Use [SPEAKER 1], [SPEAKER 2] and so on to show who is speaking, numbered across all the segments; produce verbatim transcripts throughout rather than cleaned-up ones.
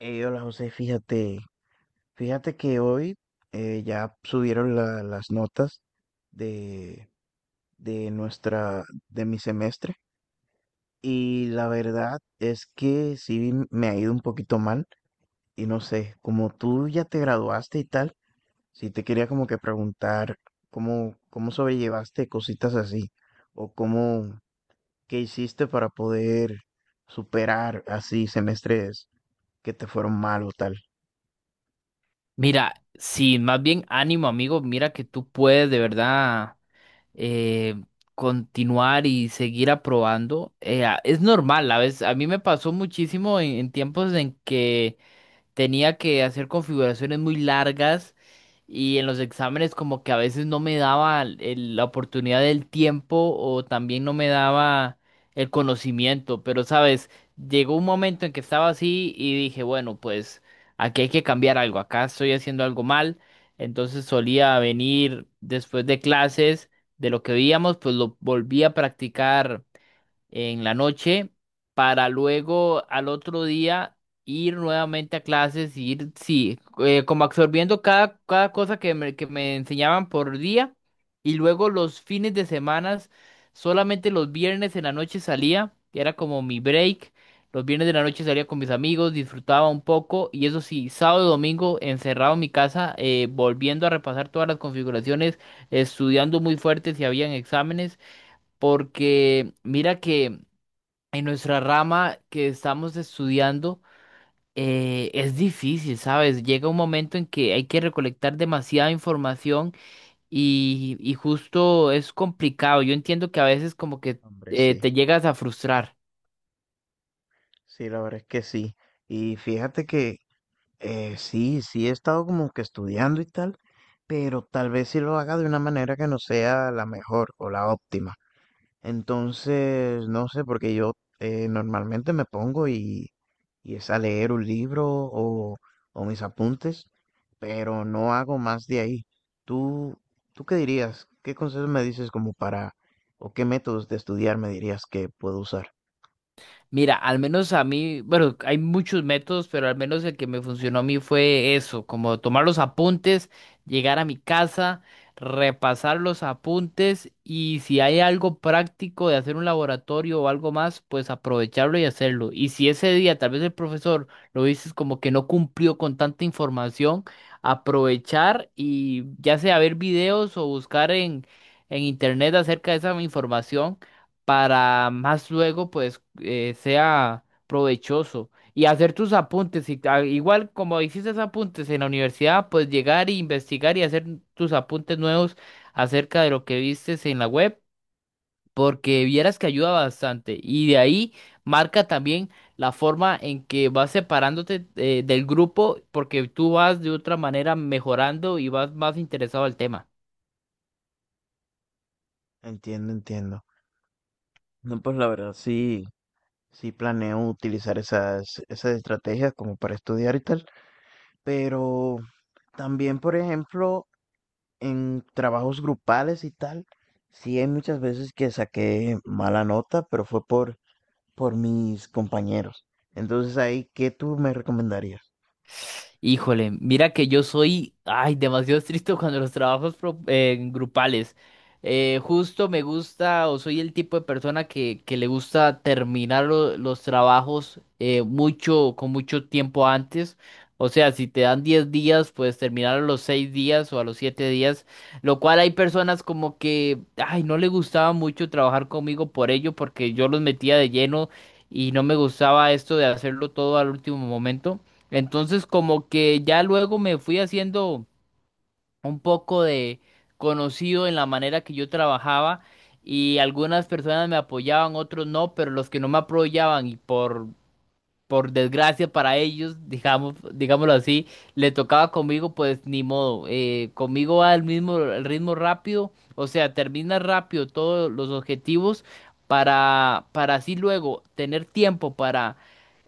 [SPEAKER 1] Eh, hola José, fíjate, fíjate que hoy eh, ya subieron la- las notas de, de nuestra, de mi semestre, y la verdad es que sí me ha ido un poquito mal y no sé, como tú ya te graduaste y tal, sí te quería como que preguntar cómo, cómo sobrellevaste cositas así o cómo, qué hiciste para poder superar así semestres que te fueron mal o tal.
[SPEAKER 2] Mira, sí, más bien ánimo, amigo. Mira que tú puedes de verdad eh, continuar y seguir aprobando. Eh, a- es normal, a veces, a mí me pasó muchísimo en, en tiempos en que tenía que hacer configuraciones muy largas y en los exámenes como que a veces no me daba el- la oportunidad del tiempo o también no me daba el conocimiento, pero sabes, llegó un momento en que estaba así y dije, bueno, pues aquí hay que cambiar algo, acá estoy haciendo algo mal. Entonces solía venir después de clases, de lo que veíamos, pues lo volví a practicar en la noche para luego al otro día ir nuevamente a clases, y ir, sí, eh, como absorbiendo cada, cada cosa que me, que me enseñaban por día y luego los fines de semanas, solamente los viernes en la noche salía, que era como mi break. Los viernes de la noche salía con mis amigos, disfrutaba un poco y eso sí, sábado y domingo encerrado en mi casa, eh, volviendo a repasar todas las configuraciones, estudiando muy fuerte si habían exámenes, porque mira que en nuestra rama que estamos estudiando, eh, es difícil, ¿sabes? Llega un momento en que hay que recolectar demasiada información y, y justo es complicado. Yo entiendo que a veces como que
[SPEAKER 1] Hombre,
[SPEAKER 2] eh,
[SPEAKER 1] sí.
[SPEAKER 2] te llegas a frustrar.
[SPEAKER 1] Sí, la verdad es que sí. Y fíjate que eh, sí, sí he estado como que estudiando y tal, pero tal vez sí lo haga de una manera que no sea la mejor o la óptima. Entonces, no sé, porque yo eh, normalmente me pongo y, y es a leer un libro o, o mis apuntes, pero no hago más de ahí. ¿Tú, tú qué dirías? ¿Qué consejos me dices como para, o qué métodos de estudiar me dirías que puedo usar?
[SPEAKER 2] Mira, al menos a mí, bueno, hay muchos métodos, pero al menos el que me funcionó a mí fue eso, como tomar los apuntes, llegar a mi casa, repasar los apuntes y si hay algo práctico de hacer un laboratorio o algo más, pues aprovecharlo y hacerlo. Y si ese día tal vez el profesor lo dices como que no cumplió con tanta información, aprovechar y ya sea ver videos o buscar en, en internet acerca de esa información para más luego pues eh, sea provechoso y hacer tus apuntes y a- igual como hiciste apuntes en la universidad pues llegar e investigar y hacer tus apuntes nuevos acerca de lo que vistes en la web, porque vieras que ayuda bastante y de ahí marca también la forma en que vas separándote eh, del grupo, porque tú vas de otra manera mejorando y vas más interesado al tema.
[SPEAKER 1] Entiendo, entiendo. No, pues la verdad sí, sí planeo utilizar esas, esas estrategias como para estudiar y tal, pero también, por ejemplo, en trabajos grupales y tal, sí hay muchas veces que saqué mala nota, pero fue por, por mis compañeros. Entonces ahí, ¿qué tú me recomendarías?
[SPEAKER 2] Híjole, mira que yo soy, ay, demasiado estricto cuando los trabajos pro- eh, grupales. Eh, justo me gusta o soy el tipo de persona que, que le gusta terminar lo- los trabajos eh, mucho, con mucho tiempo antes. O sea, si te dan diez días, pues terminar a los seis días o a los siete días. Lo cual hay personas como que, ay, no le gustaba mucho trabajar conmigo por ello, porque yo los metía de lleno y no me gustaba esto de hacerlo todo al último momento. Entonces como que ya luego me fui haciendo un poco de conocido en la manera que yo trabajaba y algunas personas me apoyaban, otros no, pero los que no me apoyaban y por por desgracia para ellos, digamos, digámoslo así, le tocaba conmigo, pues ni modo. Eh, conmigo va el mismo el ritmo rápido, o sea, termina rápido todos los objetivos para, para así luego tener tiempo para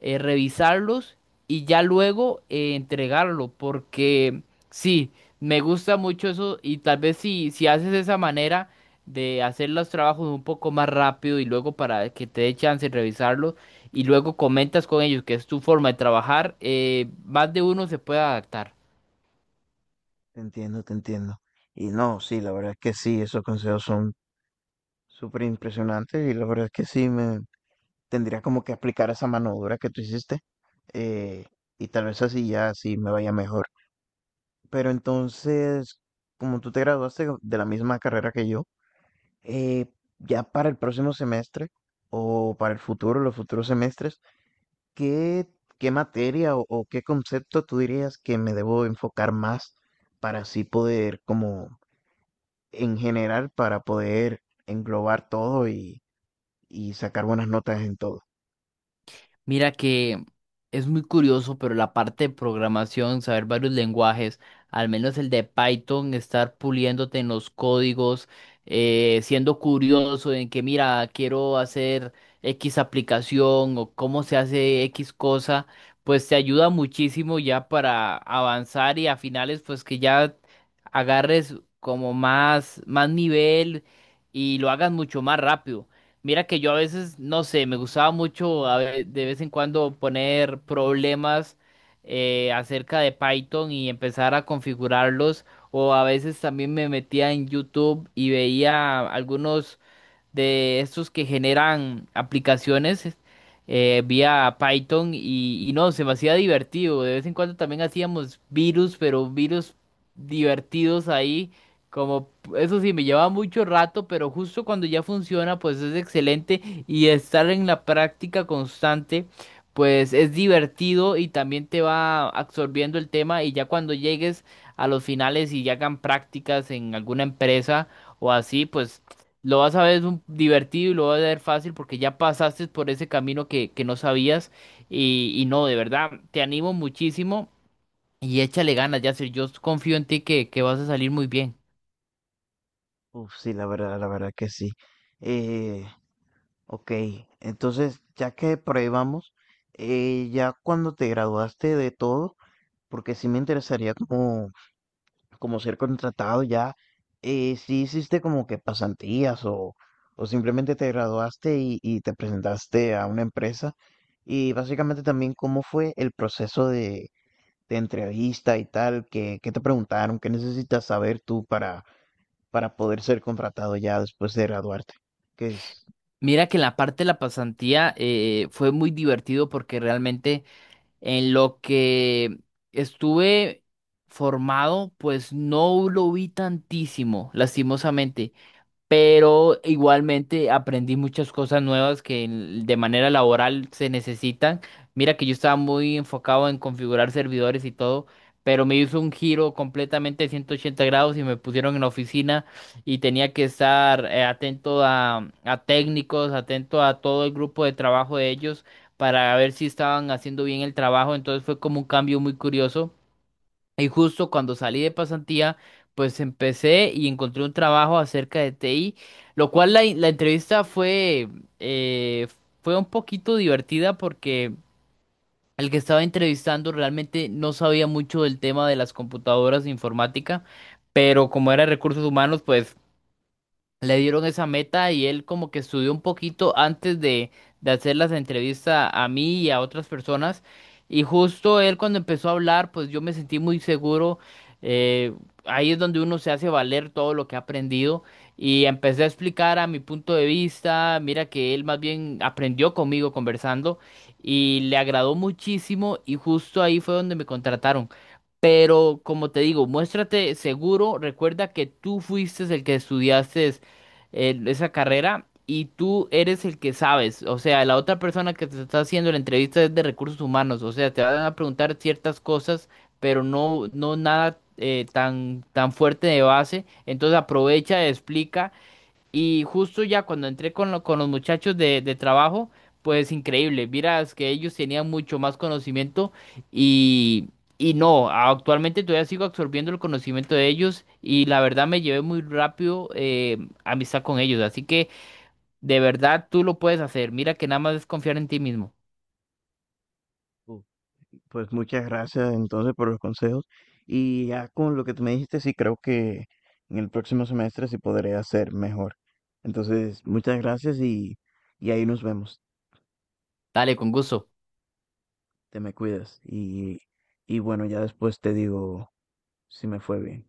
[SPEAKER 2] eh, revisarlos y ya luego eh, entregarlo, porque sí, me gusta mucho eso y tal vez si, si haces de esa manera de hacer los trabajos un poco más rápido y luego para que te dé chance de revisarlos y luego comentas con ellos que es tu forma de trabajar. Eh, más de uno se puede adaptar.
[SPEAKER 1] Te entiendo, te entiendo. Y no, sí, la verdad es que sí, esos consejos son súper impresionantes y la verdad es que sí, me tendría como que aplicar esa mano dura que tú hiciste, eh, y tal vez así ya sí me vaya mejor. Pero entonces, como tú te graduaste de la misma carrera que yo, eh, ya para el próximo semestre o para el futuro, los futuros semestres, ¿qué, qué materia o, o qué concepto tú dirías que me debo enfocar más para así poder como en general para poder englobar todo y, y sacar buenas notas en todo.
[SPEAKER 2] Mira que es muy curioso, pero la parte de programación, saber varios lenguajes, al menos el de Python, estar puliéndote en los códigos, eh, siendo curioso en que, mira, quiero hacer X aplicación o cómo se hace X cosa, pues te ayuda muchísimo ya para avanzar y a finales, pues que ya agarres como más, más nivel y lo hagas mucho más rápido. Mira que yo a veces, no sé, me gustaba mucho a ve- de vez en cuando poner problemas eh, acerca de Python y empezar a configurarlos. O a veces también me metía en YouTube y veía algunos de estos que generan aplicaciones eh, vía Python y, y no, se me hacía divertido. De vez en cuando también hacíamos virus, pero virus divertidos ahí. Como eso sí, me lleva mucho rato, pero justo cuando ya funciona, pues es excelente y estar en la práctica constante. Pues es divertido y también te va absorbiendo el tema y ya cuando llegues a los finales y ya hagan prácticas en alguna empresa o así, pues lo vas a ver un- divertido y lo vas a ver fácil porque ya pasaste por ese camino que, que no sabías y, y no, de verdad, te animo muchísimo y échale ganas, Yasser. Yo confío en ti que, que vas a salir muy bien.
[SPEAKER 1] Uf, sí, la verdad, la verdad que sí. Eh, ok, entonces ya que por ahí vamos, eh, ya cuando te graduaste de todo, porque sí me interesaría como, como ser contratado ya, eh, sí hiciste como que pasantías o, o simplemente te graduaste y, y te presentaste a una empresa, y básicamente también cómo fue el proceso de, de entrevista y tal, ¿qué, qué te preguntaron? ¿Qué necesitas saber tú para, para poder ser contratado ya después de graduarte? ¿Qué es?
[SPEAKER 2] Mira que en la parte de la pasantía eh, fue muy divertido porque realmente en lo que estuve formado, pues no lo vi tantísimo, lastimosamente, pero igualmente aprendí muchas cosas nuevas que en- de manera laboral se necesitan. Mira que yo estaba muy enfocado en configurar servidores y todo, pero me hizo un giro completamente de ciento ochenta grados y me pusieron en la oficina y tenía que estar eh, atento a, a técnicos, atento a todo el grupo de trabajo de ellos para ver si estaban haciendo bien el trabajo. Entonces fue como un cambio muy curioso. Y justo cuando salí de pasantía, pues empecé y encontré un trabajo acerca de T I, lo cual la, la entrevista fue, eh, fue un poquito divertida porque el que estaba entrevistando realmente no sabía mucho del tema de las computadoras, de informática, pero como era recursos humanos, pues le dieron esa meta y él como que estudió un poquito antes de, de hacer las entrevistas a mí y a otras personas. Y justo él cuando empezó a hablar, pues yo me sentí muy seguro. eh, Ahí es donde uno se hace valer todo lo que ha aprendido. Y empecé a explicar a mi punto de vista. Mira que él más bien aprendió conmigo conversando y le agradó muchísimo y justo ahí fue donde me contrataron. Pero como te digo, muéstrate seguro, recuerda que tú fuiste el que estudiaste eh, esa carrera y tú eres el que sabes. O sea, la otra persona que te está haciendo la entrevista es de recursos humanos. O sea, te van a preguntar ciertas cosas, pero no, no nada eh, tan, tan fuerte de base. Entonces aprovecha, explica. Y justo ya cuando entré con, lo- con los muchachos de, de trabajo, pues increíble, miras que ellos tenían mucho más conocimiento y, y no, actualmente todavía sigo absorbiendo el conocimiento de ellos y la verdad me llevé muy rápido, eh, amistad con ellos, así que de verdad tú lo puedes hacer, mira que nada más es confiar en ti mismo.
[SPEAKER 1] Uh, Pues muchas gracias entonces por los consejos. Y ya con lo que tú me dijiste, sí creo que en el próximo semestre sí podré hacer mejor. Entonces, muchas gracias y, y ahí nos vemos.
[SPEAKER 2] Dale, con gusto.
[SPEAKER 1] Te me cuidas. Y, y bueno, ya después te digo si me fue bien.